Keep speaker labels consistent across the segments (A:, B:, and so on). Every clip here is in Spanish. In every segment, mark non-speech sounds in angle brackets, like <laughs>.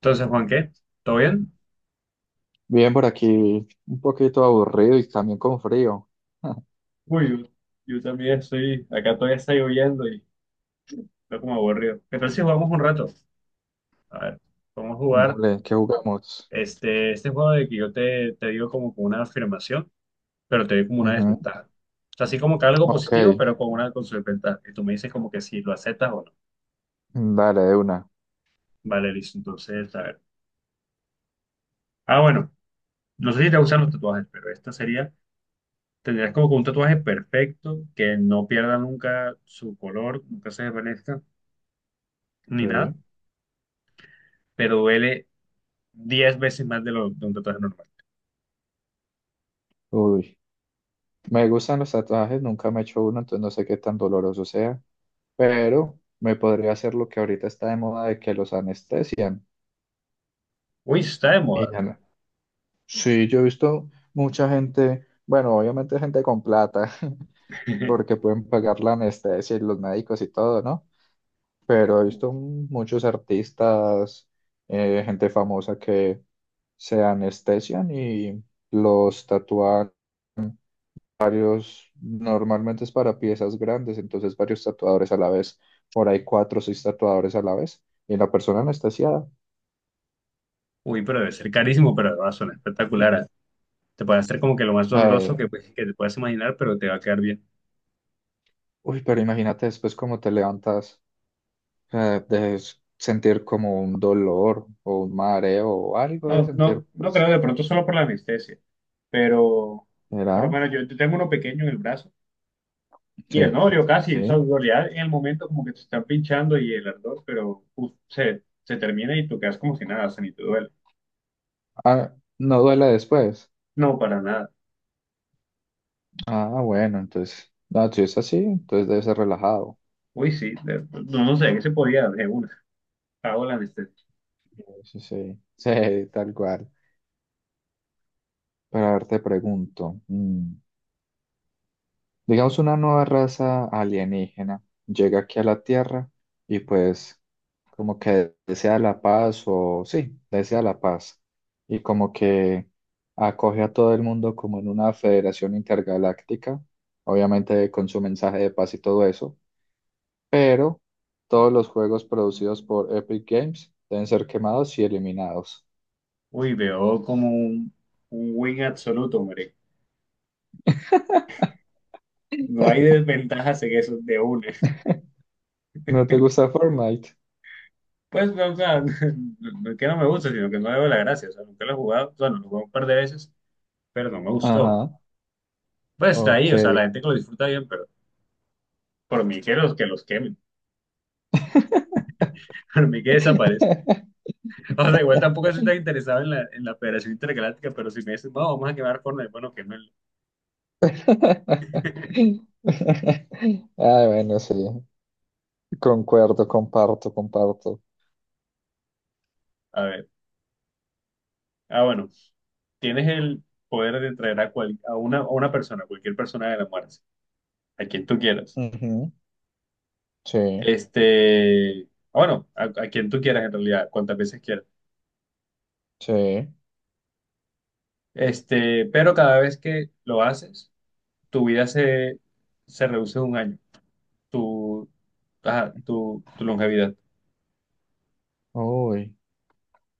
A: Entonces, Juan, ¿qué? ¿Todo bien?
B: Bien, por aquí un poquito aburrido y también con frío. <laughs>
A: Uy, yo también estoy, acá todavía está lloviendo y estoy como aburrido. ¿Qué tal si jugamos un rato? A ver, vamos a jugar
B: Dale, ¿qué jugamos?
A: este juego de que yo te digo como con una afirmación, pero te doy como una
B: Ujú.
A: desventaja. O sea, así como que algo
B: Ok,
A: positivo, pero con una con su desventaja. Y tú me dices como que si lo aceptas o no.
B: dale, de una.
A: Vale, listo. Entonces, a ver. Ah, bueno, no sé si te gustan los tatuajes, pero esta sería, tendrías como que un tatuaje perfecto, que no pierda nunca su color, nunca se desvanezca, ni
B: Sí.
A: nada. Pero duele 10 veces más de un tatuaje normal.
B: Uy, me gustan los tatuajes, nunca me he hecho uno, entonces no sé qué tan doloroso sea, pero me podría hacer lo que ahorita está de moda de que los anestesian.
A: Uy, eso está de
B: Y
A: moda.
B: ya no- Sí, yo he visto mucha gente, bueno, obviamente gente con plata, <laughs> porque
A: <laughs>
B: pueden pagar la anestesia y los médicos y todo, ¿no? Pero he visto muchos artistas, gente famosa que se anestesian y los tatúan varios. Normalmente es para piezas grandes, entonces varios tatuadores a la vez, por ahí cuatro o seis tatuadores a la vez, y la persona anestesiada.
A: Uy, pero debe ser carísimo, pero va a sonar espectacular. ¿Ah? Te puede hacer como que lo más doloroso que,
B: eh,
A: pues, que te puedas imaginar, pero te va a quedar bien.
B: Uy, pero imagínate después cómo te levantas. De sentir como un dolor o un mareo o algo de
A: No,
B: sentir,
A: no, no creo,
B: pues,
A: de pronto solo por la anestesia, pero, pero
B: ¿será?
A: bueno, yo tengo uno pequeño en el brazo y el no
B: Sí.
A: dolió casi, o sea,
B: Sí.
A: dolía en el momento como que te están pinchando y el ardor, pero uf, se termina y tú quedas como si nada, o sea, ni te duele.
B: Ah, no duele después.
A: No, para nada.
B: Ah, bueno, entonces, no, si es así, entonces debe ser relajado.
A: Uy, sí, no, no sé, ¿qué se podía de una? Hago la anestesia.
B: Sí, sí, <laughs> sí, tal cual. Pero a ver, te pregunto, digamos una nueva raza alienígena llega aquí a la Tierra y pues como que desea la paz o sí, desea la paz, y como que acoge a todo el mundo como en una federación intergaláctica, obviamente con su mensaje de paz y todo eso. Pero todos los juegos producidos por Epic Games deben ser quemados y eliminados.
A: Uy, veo como un win absoluto, hombre. No hay desventajas en eso de una.
B: ¿No te gusta Fortnite?
A: Pues, no, o sea, <laughs> no es que no me gusta, sino que no le veo la gracia. O sea, nunca lo he jugado. Bueno, lo jugué un par de veces, pero no me gustó.
B: Ajá,
A: Pues está ahí,
B: ok.
A: o sea, la gente que lo disfruta bien, pero por mí que que los quemen, <laughs> por mí que desaparezca.
B: <laughs>
A: O sea, igual tampoco estoy tan interesado en en la Federación Intergaláctica, pero si me dicen, no, vamos a quemar Fortnite, bueno, quémelo.
B: Ah, bueno, sí, concuerdo, comparto, comparto.
A: A ver. Ah, bueno, tienes el poder de traer a una persona, cualquier persona de la muerte, a quien tú quieras.
B: Ujú. Sí,
A: Este, bueno, a quien tú quieras en realidad, cuantas veces quieras.
B: sí.
A: Este, pero cada vez que lo haces, tu vida se reduce un año, tu, ajá, tu longevidad.
B: Uy.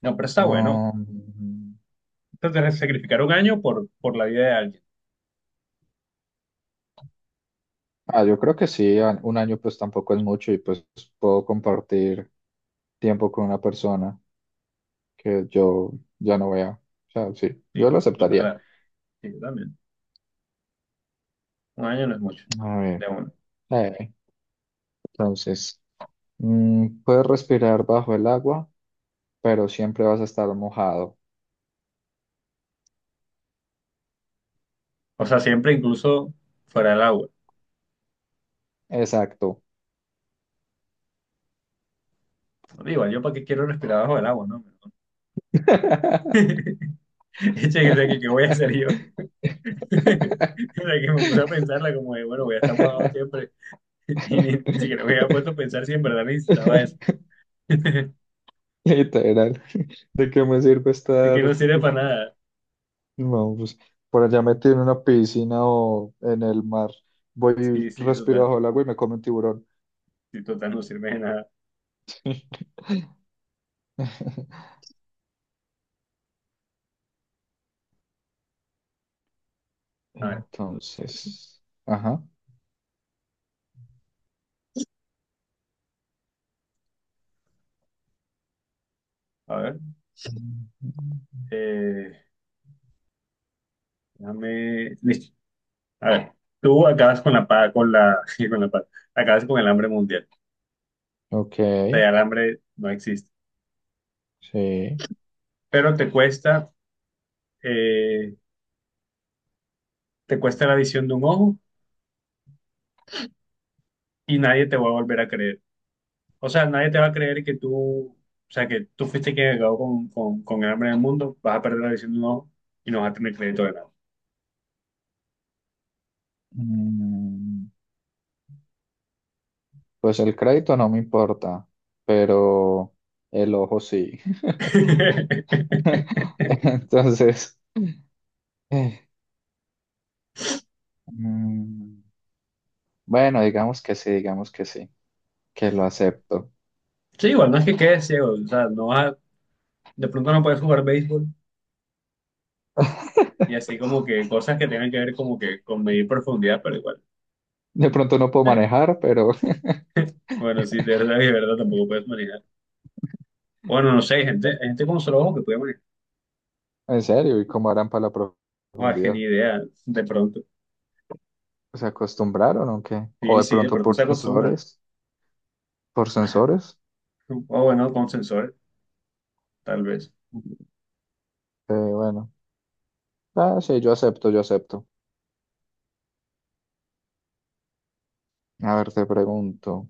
A: No, pero está bueno.
B: um,
A: Entonces, sacrificar un año por la vida de alguien.
B: ah, yo creo que sí. Un año pues tampoco es mucho y pues puedo compartir tiempo con una persona que yo ya no vea. O sea, sí, yo lo
A: Sí,
B: aceptaría.
A: total, sí, yo también. Un año no es mucho,
B: A
A: de
B: ver,
A: uno.
B: eh, entonces, puedes respirar bajo el agua, pero siempre vas a estar mojado.
A: O sea, siempre incluso fuera del agua.
B: Exacto.
A: Digo, yo para qué quiero respirar bajo el agua, ¿no?
B: <laughs>
A: <laughs> Eche, ¿qué voy a hacer yo? <laughs> La que me puse a pensarla como de, bueno, voy a estar mudado siempre. <laughs> Y ni, ni siquiera me había puesto a pensar si en verdad necesitaba eso. <laughs> De
B: Literal, ¿de qué me sirve
A: que
B: estar?
A: no sirve para nada.
B: No, pues por allá metido en una piscina o en el mar, voy
A: Sí,
B: y
A: sí,
B: respiro
A: total.
B: bajo el agua y me come un tiburón.
A: Sí, total, no sirve de nada.
B: <laughs>
A: A ver,
B: Entonces, ajá.
A: a ver.
B: Mm,
A: Eh, Déjame. Listo. A ver. Tú acabas con la paz, con la, <laughs> con la paz. Acabas con el hambre mundial.
B: ok,
A: O sea, ya el hambre no existe.
B: sí.
A: Pero eh, te cuesta la visión de un ojo y nadie te va a volver a creer. O sea, nadie te va a creer que tú, o sea, que tú fuiste quien acabó con el hambre en el mundo, vas a perder la visión de un ojo y no vas a tener crédito de nada.
B: Mm, Pues el crédito no me importa, pero el ojo sí.
A: <laughs>
B: <laughs> Entonces, eh, mm, bueno, digamos que sí, que lo acepto.
A: Sí, igual, no es que quedes ciego, o sea, no vas a- de pronto no puedes jugar béisbol y así
B: <laughs>
A: como que cosas que tengan que ver como que con medir profundidad, pero igual.
B: De pronto no puedo
A: eh,
B: manejar, pero
A: bueno, sí, de
B: <laughs>
A: verdad y de verdad tampoco puedes manejar. Bueno, no sé, hay gente con solo ojo que puede manejar.
B: en serio, ¿y cómo harán para la
A: O es que ni
B: profundidad?
A: idea, de pronto.
B: ¿Se acostumbraron o qué? O
A: Sí,
B: de
A: sí, de
B: pronto
A: pronto
B: por
A: se acostumbran.
B: sensores, por sensores.
A: O bueno, con sensores, tal vez.
B: Bueno, ah, sí, yo acepto, yo acepto. A ver, te pregunto,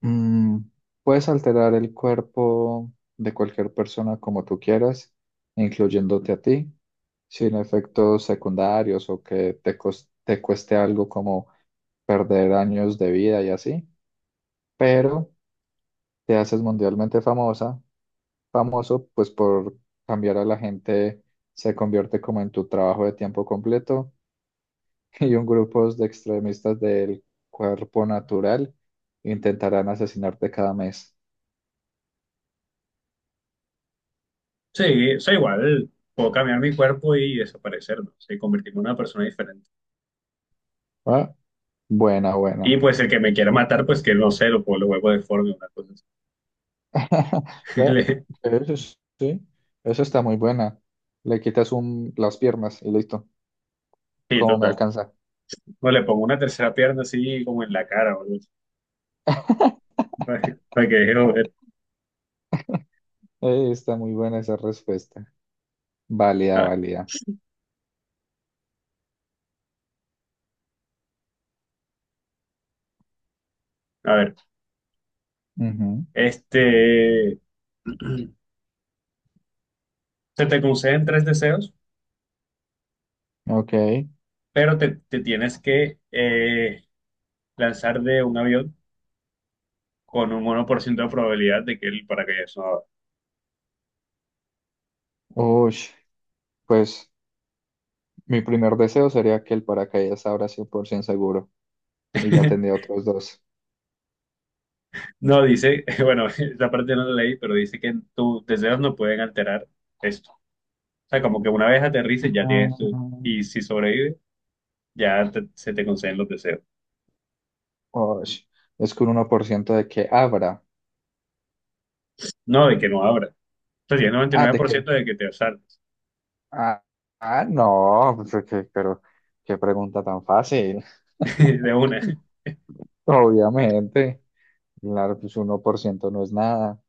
B: mm, ¿puedes alterar el cuerpo de cualquier persona como tú quieras, incluyéndote a ti, sin efectos secundarios o que te cueste algo como perder años de vida y así? Pero te haces mundialmente famosa famoso, pues por cambiar a la gente, se convierte como en tu trabajo de tiempo completo <laughs> y un grupo de extremistas del cuerpo natural intentarán asesinarte cada mes.
A: Sí, o sea, igual puedo cambiar mi cuerpo y desaparecer, ¿no? Sé, convertirme en una persona diferente.
B: Ah, buena, buena.
A: Y pues el que me quiera matar, pues que no sé, lo vuelvo deforme, una cosa así.
B: <laughs>
A: <laughs>
B: Ve,
A: Le-
B: sí, eso está muy buena. Le quitas las piernas y listo.
A: Sí,
B: ¿Cómo me
A: total.
B: alcanza?
A: O le pongo una tercera pierna así como en la cara, o algo así, <laughs> para,
B: <laughs>
A: para que deje de joder.
B: Está muy buena esa respuesta. Válida,
A: A,
B: válida.
A: a ver,
B: Ujú.
A: este, <clears throat> se te conceden tres deseos,
B: Ok.
A: pero te tienes que lanzar de un avión con un 1% de probabilidad de que el paracaídas no abra.
B: Uy, pues mi primer deseo sería que el paracaídas abra 100% seguro y ya
A: <laughs>
B: tendría otros dos.
A: No dice, <laughs> bueno, esa parte no la leí, pero dice que tus deseos no pueden alterar esto. O sea, como que una vez aterrices ya
B: Ah,
A: tienes y si sobrevives, se te conceden los deseos.
B: osh, es que un 1% de que abra.
A: No, de que no abra. O sea, tienes noventa y
B: Ah,
A: nueve
B: de
A: por
B: que.
A: ciento de que te saltes
B: Ah, ah, no, pues, ok, pero qué pregunta tan fácil.
A: <laughs>
B: <laughs>
A: de una.
B: Obviamente. Claro, pues 1% no es nada.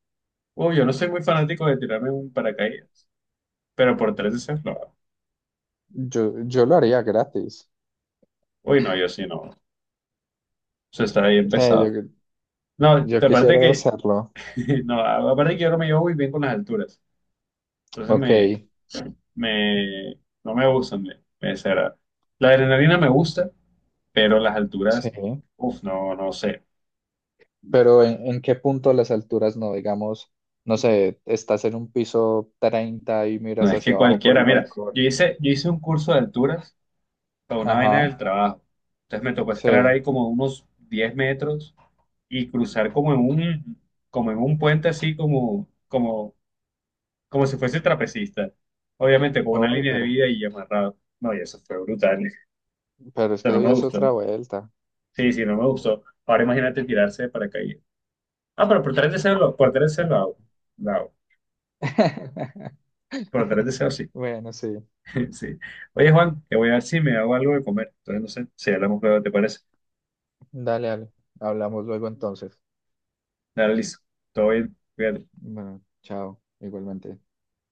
A: Uy, yo no soy muy fanático de tirarme un paracaídas, pero por tres deseos lo hago.
B: Yo lo haría gratis.
A: Uy, no, yo sí no. Eso está bien
B: O sea, yo,
A: pesado. No,
B: yo
A: aparte
B: quisiera
A: que,
B: hacerlo.
A: <laughs> no, aparte que yo no me llevo muy bien con las alturas. Entonces
B: Ok,
A: me, no me gustan, me desagradan. La adrenalina me gusta, pero las alturas,
B: sí.
A: uff, no, no sé.
B: Pero ¿en qué punto las alturas no? Digamos, no sé, estás en un piso 30 y
A: No
B: miras
A: es que
B: hacia abajo por
A: cualquiera,
B: el
A: mira, yo
B: balcón.
A: hice, yo hice un curso de alturas para una vaina
B: Ajá,
A: del trabajo. Entonces me tocó escalar
B: sí.
A: ahí como unos 10 metros y cruzar como en como en un puente así como si fuese trapecista. Obviamente con una
B: Uy,
A: línea de
B: pero,
A: vida y amarrado. No, y eso fue brutal.
B: pero es que
A: Pero
B: eso
A: no me
B: ya es otra
A: gustó.
B: vuelta.
A: Sí, sí, no me gustó. Ahora imagínate tirarse de paracaídas. Ah, pero por tres deseos, por tres deseos lo hago. Lo hago.
B: <laughs>
A: Por tres deseos, sí.
B: Bueno, sí.
A: <laughs> Sí. Oye, Juan, que voy a ver si me hago algo de comer. Entonces, no sé, si hablamos luego, ¿te parece?
B: Dale, dale. Hablamos luego entonces.
A: Dale, listo. Todo bien. Cuídate.
B: Bueno, chao, igualmente.